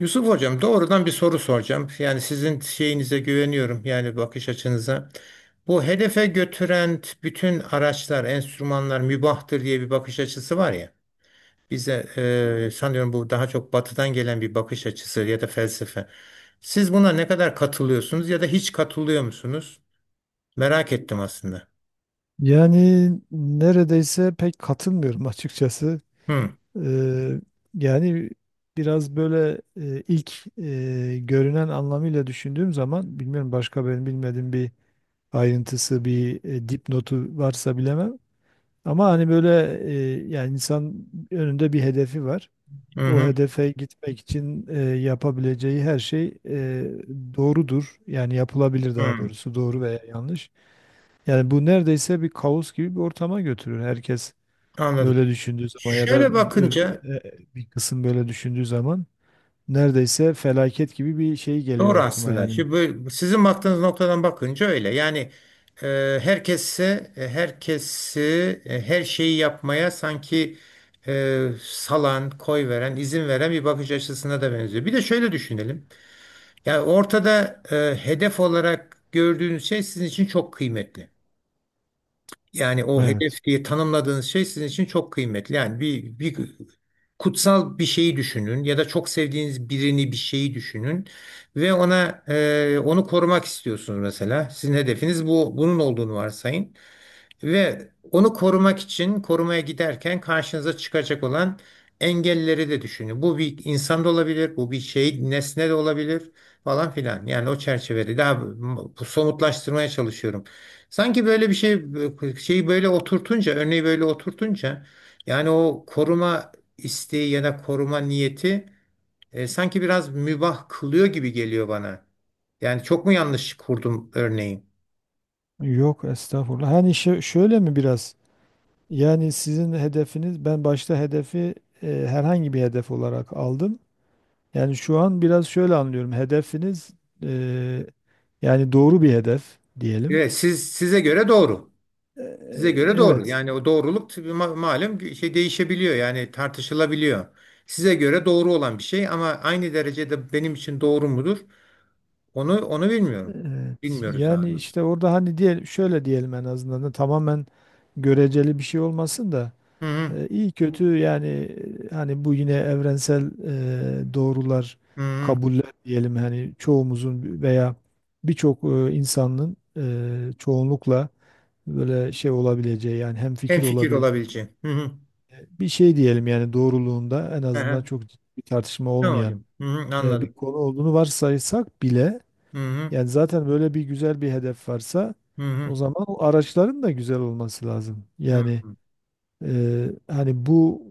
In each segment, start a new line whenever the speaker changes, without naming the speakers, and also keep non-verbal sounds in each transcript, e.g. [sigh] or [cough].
Yusuf Hocam doğrudan bir soru soracağım. Yani sizin şeyinize güveniyorum yani bakış açınıza. Bu hedefe götüren bütün araçlar, enstrümanlar mübahtır diye bir bakış açısı var ya. Bize sanıyorum bu daha çok batıdan gelen bir bakış açısı ya da felsefe. Siz buna ne kadar katılıyorsunuz ya da hiç katılıyor musunuz? Merak ettim aslında.
Yani neredeyse pek katılmıyorum açıkçası.
Hı,
Eee, yani biraz böyle ilk görünen anlamıyla düşündüğüm zaman bilmiyorum, başka benim bilmediğim bir ayrıntısı, bir dipnotu varsa bilemem. Ama hani böyle e, yani insan önünde bir hedefi var.
hı,
O
hı,
hedefe gitmek için yapabileceği her şey doğrudur. Yani yapılabilir, daha
hı.
doğrusu doğru veya yanlış. Yani bu neredeyse bir kaos gibi bir ortama götürür. Herkes
Anladım.
böyle düşündüğü zaman ya da
Şöyle
ö-
bakınca.
bir kısım böyle düşündüğü zaman neredeyse felaket gibi bir şey
Doğru
geliyor aklıma
aslında.
yani.
Şimdi sizin baktığınız noktadan bakınca öyle. Yani herkesi her şeyi yapmaya sanki salan, koy veren, izin veren bir bakış açısına da benziyor. Bir de şöyle düşünelim. Yani ortada hedef olarak gördüğünüz şey sizin için çok kıymetli. Yani o
Evet.
hedef diye tanımladığınız şey sizin için çok kıymetli. Yani bir kutsal bir şeyi düşünün ya da çok sevdiğiniz birini bir şeyi düşünün ve onu korumak istiyorsunuz mesela. Sizin hedefiniz bunun olduğunu varsayın. Ve onu korumak için korumaya giderken karşınıza çıkacak olan engelleri de düşünün. Bu bir insan da olabilir, bu bir şey, nesne de olabilir falan filan. Yani o çerçevede daha bu somutlaştırmaya çalışıyorum. Sanki böyle bir şey, şeyi böyle oturtunca, örneği böyle oturtunca, yani o koruma isteği ya da koruma niyeti sanki biraz mübah kılıyor gibi geliyor bana. Yani çok mu yanlış kurdum örneği?
Yok estağfurullah. Hani şöyle mi biraz? Yani sizin hedefiniz, ben başta hedefi herhangi bir hedef olarak aldım. Yani şu an biraz şöyle anlıyorum. Hedefiniz e, yani doğru bir hedef diyelim.
Evet, size göre doğru. Size göre doğru.
Evet.
Yani o doğruluk tabii malum bir şey değişebiliyor. Yani tartışılabiliyor. Size göre doğru olan bir şey ama aynı derecede benim için doğru mudur? Onu bilmiyorum.
Evet.
Bilmiyoruz daha
Yani
doğrusu.
işte orada hani diyelim, şöyle diyelim, en azından da tamamen göreceli bir şey olmasın da
Hı hı.
iyi kötü yani hani bu yine evrensel doğrular,
Hı hı.
kabuller diyelim, hani çoğumuzun veya birçok insanın çoğunlukla böyle şey olabileceği, yani hem
Hem
fikir
fikir
olabileceği
olabileceğim. Hı hı.
bir şey diyelim, yani doğruluğunda en
Hı
azından
hı.
çok ciddi bir tartışma
Tamam
olmayan
hocam. Hı hı.
bir
Anladım.
konu olduğunu varsaysak bile,
Hı hı.
yani zaten böyle bir güzel bir hedef varsa
Hı hı.
o zaman o araçların da güzel olması lazım.
Hı
Yani
hı.
hani bu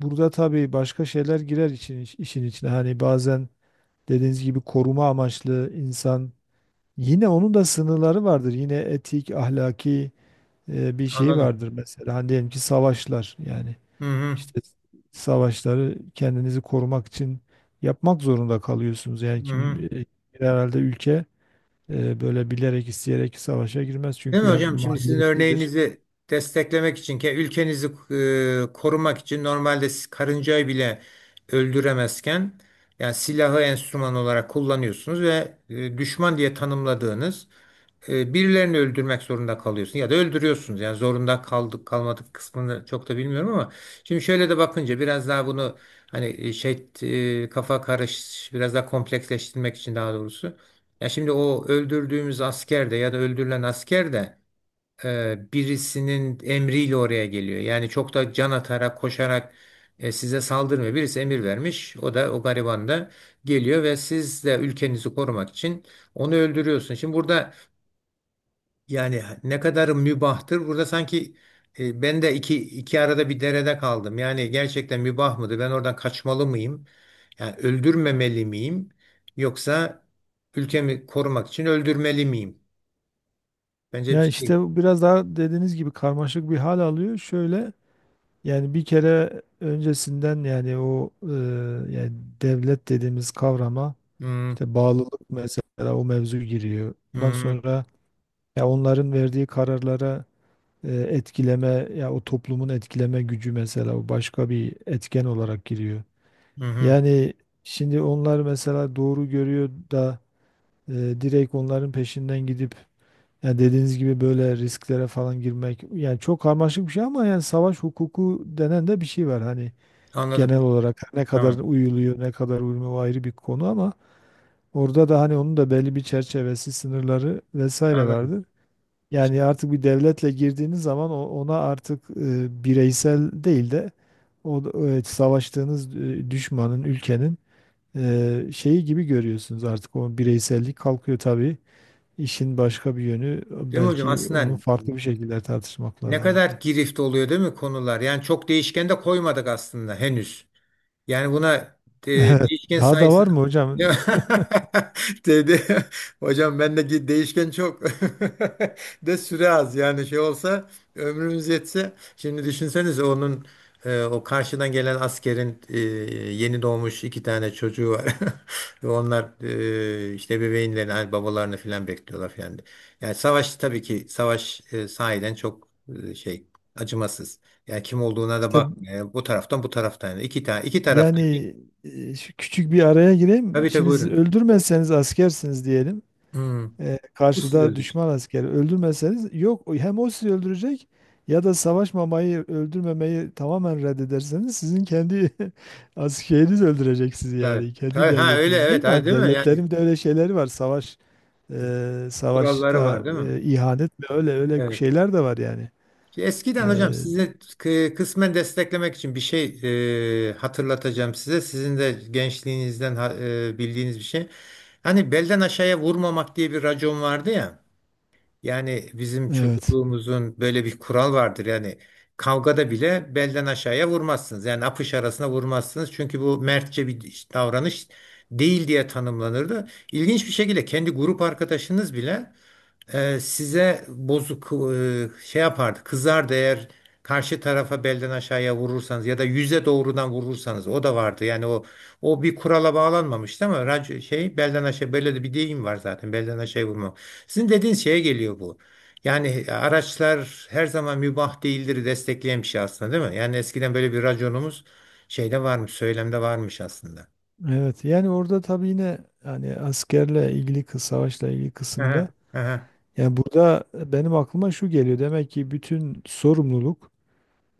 burada tabii başka şeyler girer için, işin içine. Hani bazen dediğiniz gibi koruma amaçlı, insan yine onun da sınırları vardır. Yine etik, ahlaki bir şey
Anladım.
vardır mesela. Hani diyelim ki savaşlar, yani
Hı hı.
işte savaşları kendinizi korumak için yapmak zorunda kalıyorsunuz. Yani
Hı hı.
kim herhalde ülke böyle bilerek isteyerek savaşa girmez,
Değil mi
çünkü hep
hocam? Şimdi sizin
maliyetlidir.
örneğinizi desteklemek için, ülkenizi korumak için normalde siz karıncayı bile öldüremezken yani silahı enstrüman olarak kullanıyorsunuz ve düşman diye tanımladığınız birilerini öldürmek zorunda kalıyorsunuz ya da öldürüyorsunuz. Yani zorunda kaldık kalmadık kısmını çok da bilmiyorum ama şimdi şöyle de bakınca biraz daha bunu hani şey kafa karış biraz daha kompleksleştirmek için daha doğrusu. Ya şimdi o öldürdüğümüz asker de ya da öldürülen asker de birisinin emriyle oraya geliyor. Yani çok da can atarak, koşarak size saldırmıyor. Birisi emir vermiş. O da o gariban da geliyor ve siz de ülkenizi korumak için onu öldürüyorsun. Şimdi burada yani ne kadar mübahtır? Burada sanki ben de iki arada bir derede kaldım. Yani gerçekten mübah mıdır? Ben oradan kaçmalı mıyım? Yani öldürmemeli miyim? Yoksa ülkemi korumak için öldürmeli miyim? Bence bir
Ya
şey.
işte bu biraz daha dediğiniz gibi karmaşık bir hal alıyor. Şöyle, yani bir kere öncesinden yani o yani devlet dediğimiz kavrama
Hmm,
işte bağlılık mesela, o mevzu giriyor. Ondan
hmm,
sonra ya onların verdiği kararlara etkileme, ya o toplumun etkileme gücü mesela, o başka bir etken olarak giriyor.
hı hı.
Yani şimdi onlar mesela doğru görüyor da E, direkt onların peşinden gidip, yani dediğiniz gibi böyle risklere falan girmek, yani çok karmaşık bir şey. Ama yani savaş hukuku denen de bir şey var hani,
Anladım.
genel olarak ne kadar
Tamam.
uyuluyor ne kadar uyulmuyor o ayrı bir konu, ama orada da hani onun da belli bir çerçevesi, sınırları vesaire
Anladım.
vardır. Yani artık bir devletle girdiğiniz zaman ona artık bireysel değil de o savaştığınız düşmanın, ülkenin şeyi gibi görüyorsunuz, artık o bireysellik kalkıyor tabii. İşin başka bir yönü,
Değil mi hocam?
belki onu
Aslında
farklı bir şekilde tartışmak
ne
lazım.
kadar
[laughs]
girift oluyor değil mi konular? Yani çok değişken de koymadık aslında henüz. Yani buna
Evet.
değişken
Daha da var
sayısını
mı
[laughs]
hocam?
Ya, dedi hocam bendeki değişken çok [laughs] de süre az yani şey olsa ömrümüz yetse şimdi düşünsenize onun o karşıdan gelen askerin yeni doğmuş iki tane çocuğu var [laughs] ve onlar işte bebeğinlerini hani babalarını falan bekliyorlar falan yani savaş tabii ki savaş sahiden çok şey acımasız. Ya kim olduğuna da
İşte
bakma. Ya. Bu taraftan bu taraftan. Yani. İki tane iki
yani
taraftaki.
şu küçük bir araya gireyim.
Tabii tabii
Şimdi siz
buyurun.
öldürmezseniz, askersiniz diyelim.
Hmm. Bu sizi
Karşıda
öldürecek.
düşman askeri öldürmezseniz, yok hem o sizi öldürecek ya da savaşmamayı, öldürmemeyi tamamen reddederseniz, sizin kendi [laughs] askeriniz öldürecek sizi,
Tabii.
yani kendi
Tabii, ha öyle
devletiniz, değil
evet
mi?
ha,
Hani
değil mi? Yani
devletlerin de öyle şeyleri var, savaş.
kuralları
Savaşta
var değil mi?
ihanet mi, öyle öyle
Evet.
şeyler de var yani. Ee,
Eskiden hocam size kısmen desteklemek için bir şey hatırlatacağım size. Sizin de gençliğinizden bildiğiniz bir şey. Hani belden aşağıya vurmamak diye bir racon vardı ya. Yani bizim
evet.
çocukluğumuzun böyle bir kural vardır. Yani kavgada bile belden aşağıya vurmazsınız. Yani apış arasına vurmazsınız. Çünkü bu mertçe bir davranış değil diye tanımlanırdı. İlginç bir şekilde kendi grup arkadaşınız bile size bozuk şey yapardı kızardı eğer karşı tarafa belden aşağıya vurursanız ya da yüze doğrudan vurursanız o da vardı yani o bir kurala bağlanmamıştı ama şey belden aşağı böyle de bir deyim var zaten belden aşağıya vurma. Sizin dediğiniz şeye geliyor bu. Yani araçlar her zaman mübah değildir, destekleyen bir şey aslında değil mi? Yani eskiden böyle bir raconumuz şeyde varmış, söylemde varmış aslında.
Evet. Yani orada tabii yine, yani askerle ilgili savaşla ilgili
Aha,
kısımda,
aha,
yani burada benim aklıma şu geliyor. Demek ki bütün sorumluluk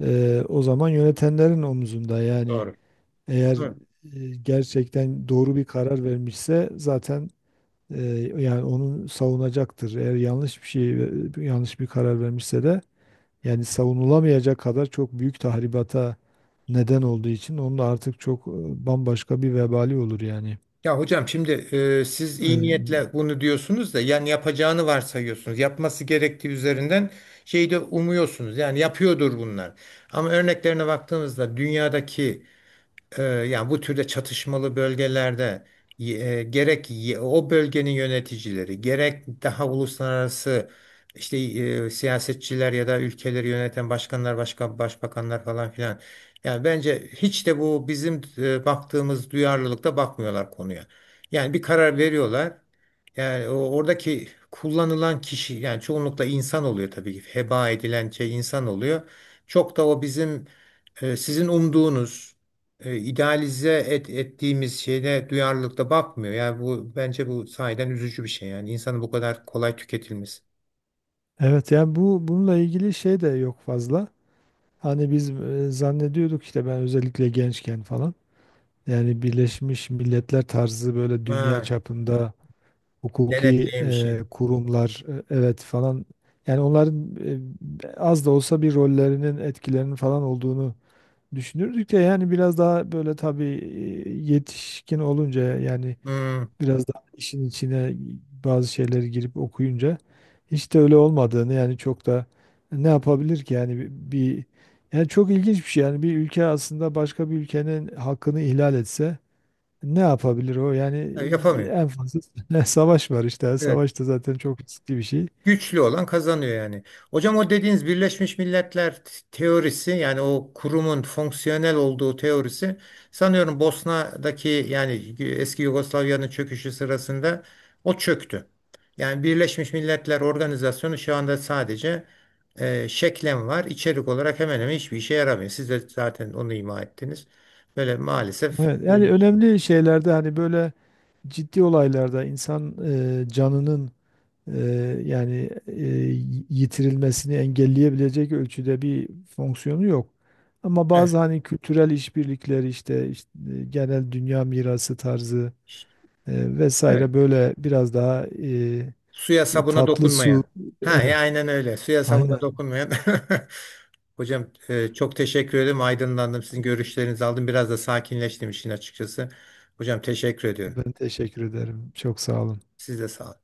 o zaman yönetenlerin omuzunda. Yani
doğru.
eğer gerçekten doğru bir karar vermişse zaten e, yani onu savunacaktır. Eğer yanlış bir karar vermişse de, yani savunulamayacak kadar çok büyük tahribata neden olduğu için, onun da artık çok bambaşka bir vebali olur yani.
Ya hocam şimdi siz
E,
iyi niyetle bunu diyorsunuz da yani yapacağını varsayıyorsunuz. Yapması gerektiği üzerinden şeyi de umuyorsunuz. Yani yapıyordur bunlar. Ama örneklerine baktığımızda dünyadaki yani bu türde çatışmalı bölgelerde gerek o bölgenin yöneticileri gerek daha uluslararası işte siyasetçiler ya da ülkeleri yöneten başkanlar, başka başbakanlar falan filan. Yani bence hiç de bu bizim baktığımız duyarlılıkta bakmıyorlar konuya. Yani bir karar veriyorlar. Yani oradaki kullanılan kişi yani çoğunlukla insan oluyor tabii ki. Heba edilen şey insan oluyor. Çok da o bizim sizin umduğunuz idealize ettiğimiz şeyine duyarlılıkta bakmıyor. Yani bu bence bu sahiden üzücü bir şey. Yani insanın bu kadar kolay tükletilmesi.
Evet, yani bu bununla ilgili şey de yok fazla. Hani biz zannediyorduk işte, ben özellikle gençken falan. Yani Birleşmiş Milletler tarzı böyle dünya
Ha,
çapında hukuki
denetleyen bir şey.
kurumlar evet falan. Yani onların az da olsa bir rollerinin, etkilerinin falan olduğunu düşünürdük de, yani biraz daha böyle tabii yetişkin olunca, yani
Hmm.
biraz daha işin içine bazı şeyleri girip okuyunca hiç de öyle olmadığını, yani çok da ne yapabilir ki yani yani çok ilginç bir şey, yani bir ülke aslında başka bir ülkenin hakkını ihlal etse ne yapabilir o yani?
Yapamıyor.
En fazla [laughs] savaş var işte. Yani
Evet.
savaş da zaten çok riskli bir şey.
Güçlü olan kazanıyor yani. Hocam o dediğiniz Birleşmiş Milletler teorisi yani o kurumun fonksiyonel olduğu teorisi sanıyorum Bosna'daki yani eski Yugoslavya'nın çöküşü sırasında o çöktü. Yani Birleşmiş Milletler Organizasyonu şu anda sadece şeklen var. İçerik olarak hemen hemen hiçbir işe yaramıyor. Siz de zaten onu ima ettiniz. Böyle maalesef
Evet,
böyle
yani
bir şey.
önemli şeylerde hani böyle ciddi olaylarda insan canının e, yani yitirilmesini engelleyebilecek ölçüde bir fonksiyonu yok. Ama
Evet.
bazı hani kültürel işbirlikleri işte, genel dünya mirası tarzı
Evet.
vesaire, böyle biraz daha
Suya sabuna
tatlı su.
dokunmayan. Ha
Evet,
ya aynen öyle. Suya
aynen.
sabuna dokunmayan. [laughs] Hocam çok teşekkür ederim. Aydınlandım. Sizin görüşlerinizi aldım. Biraz da sakinleştim işin açıkçası. Hocam teşekkür ediyorum.
Ben teşekkür ederim. Çok sağ olun.
Siz de sağ olun.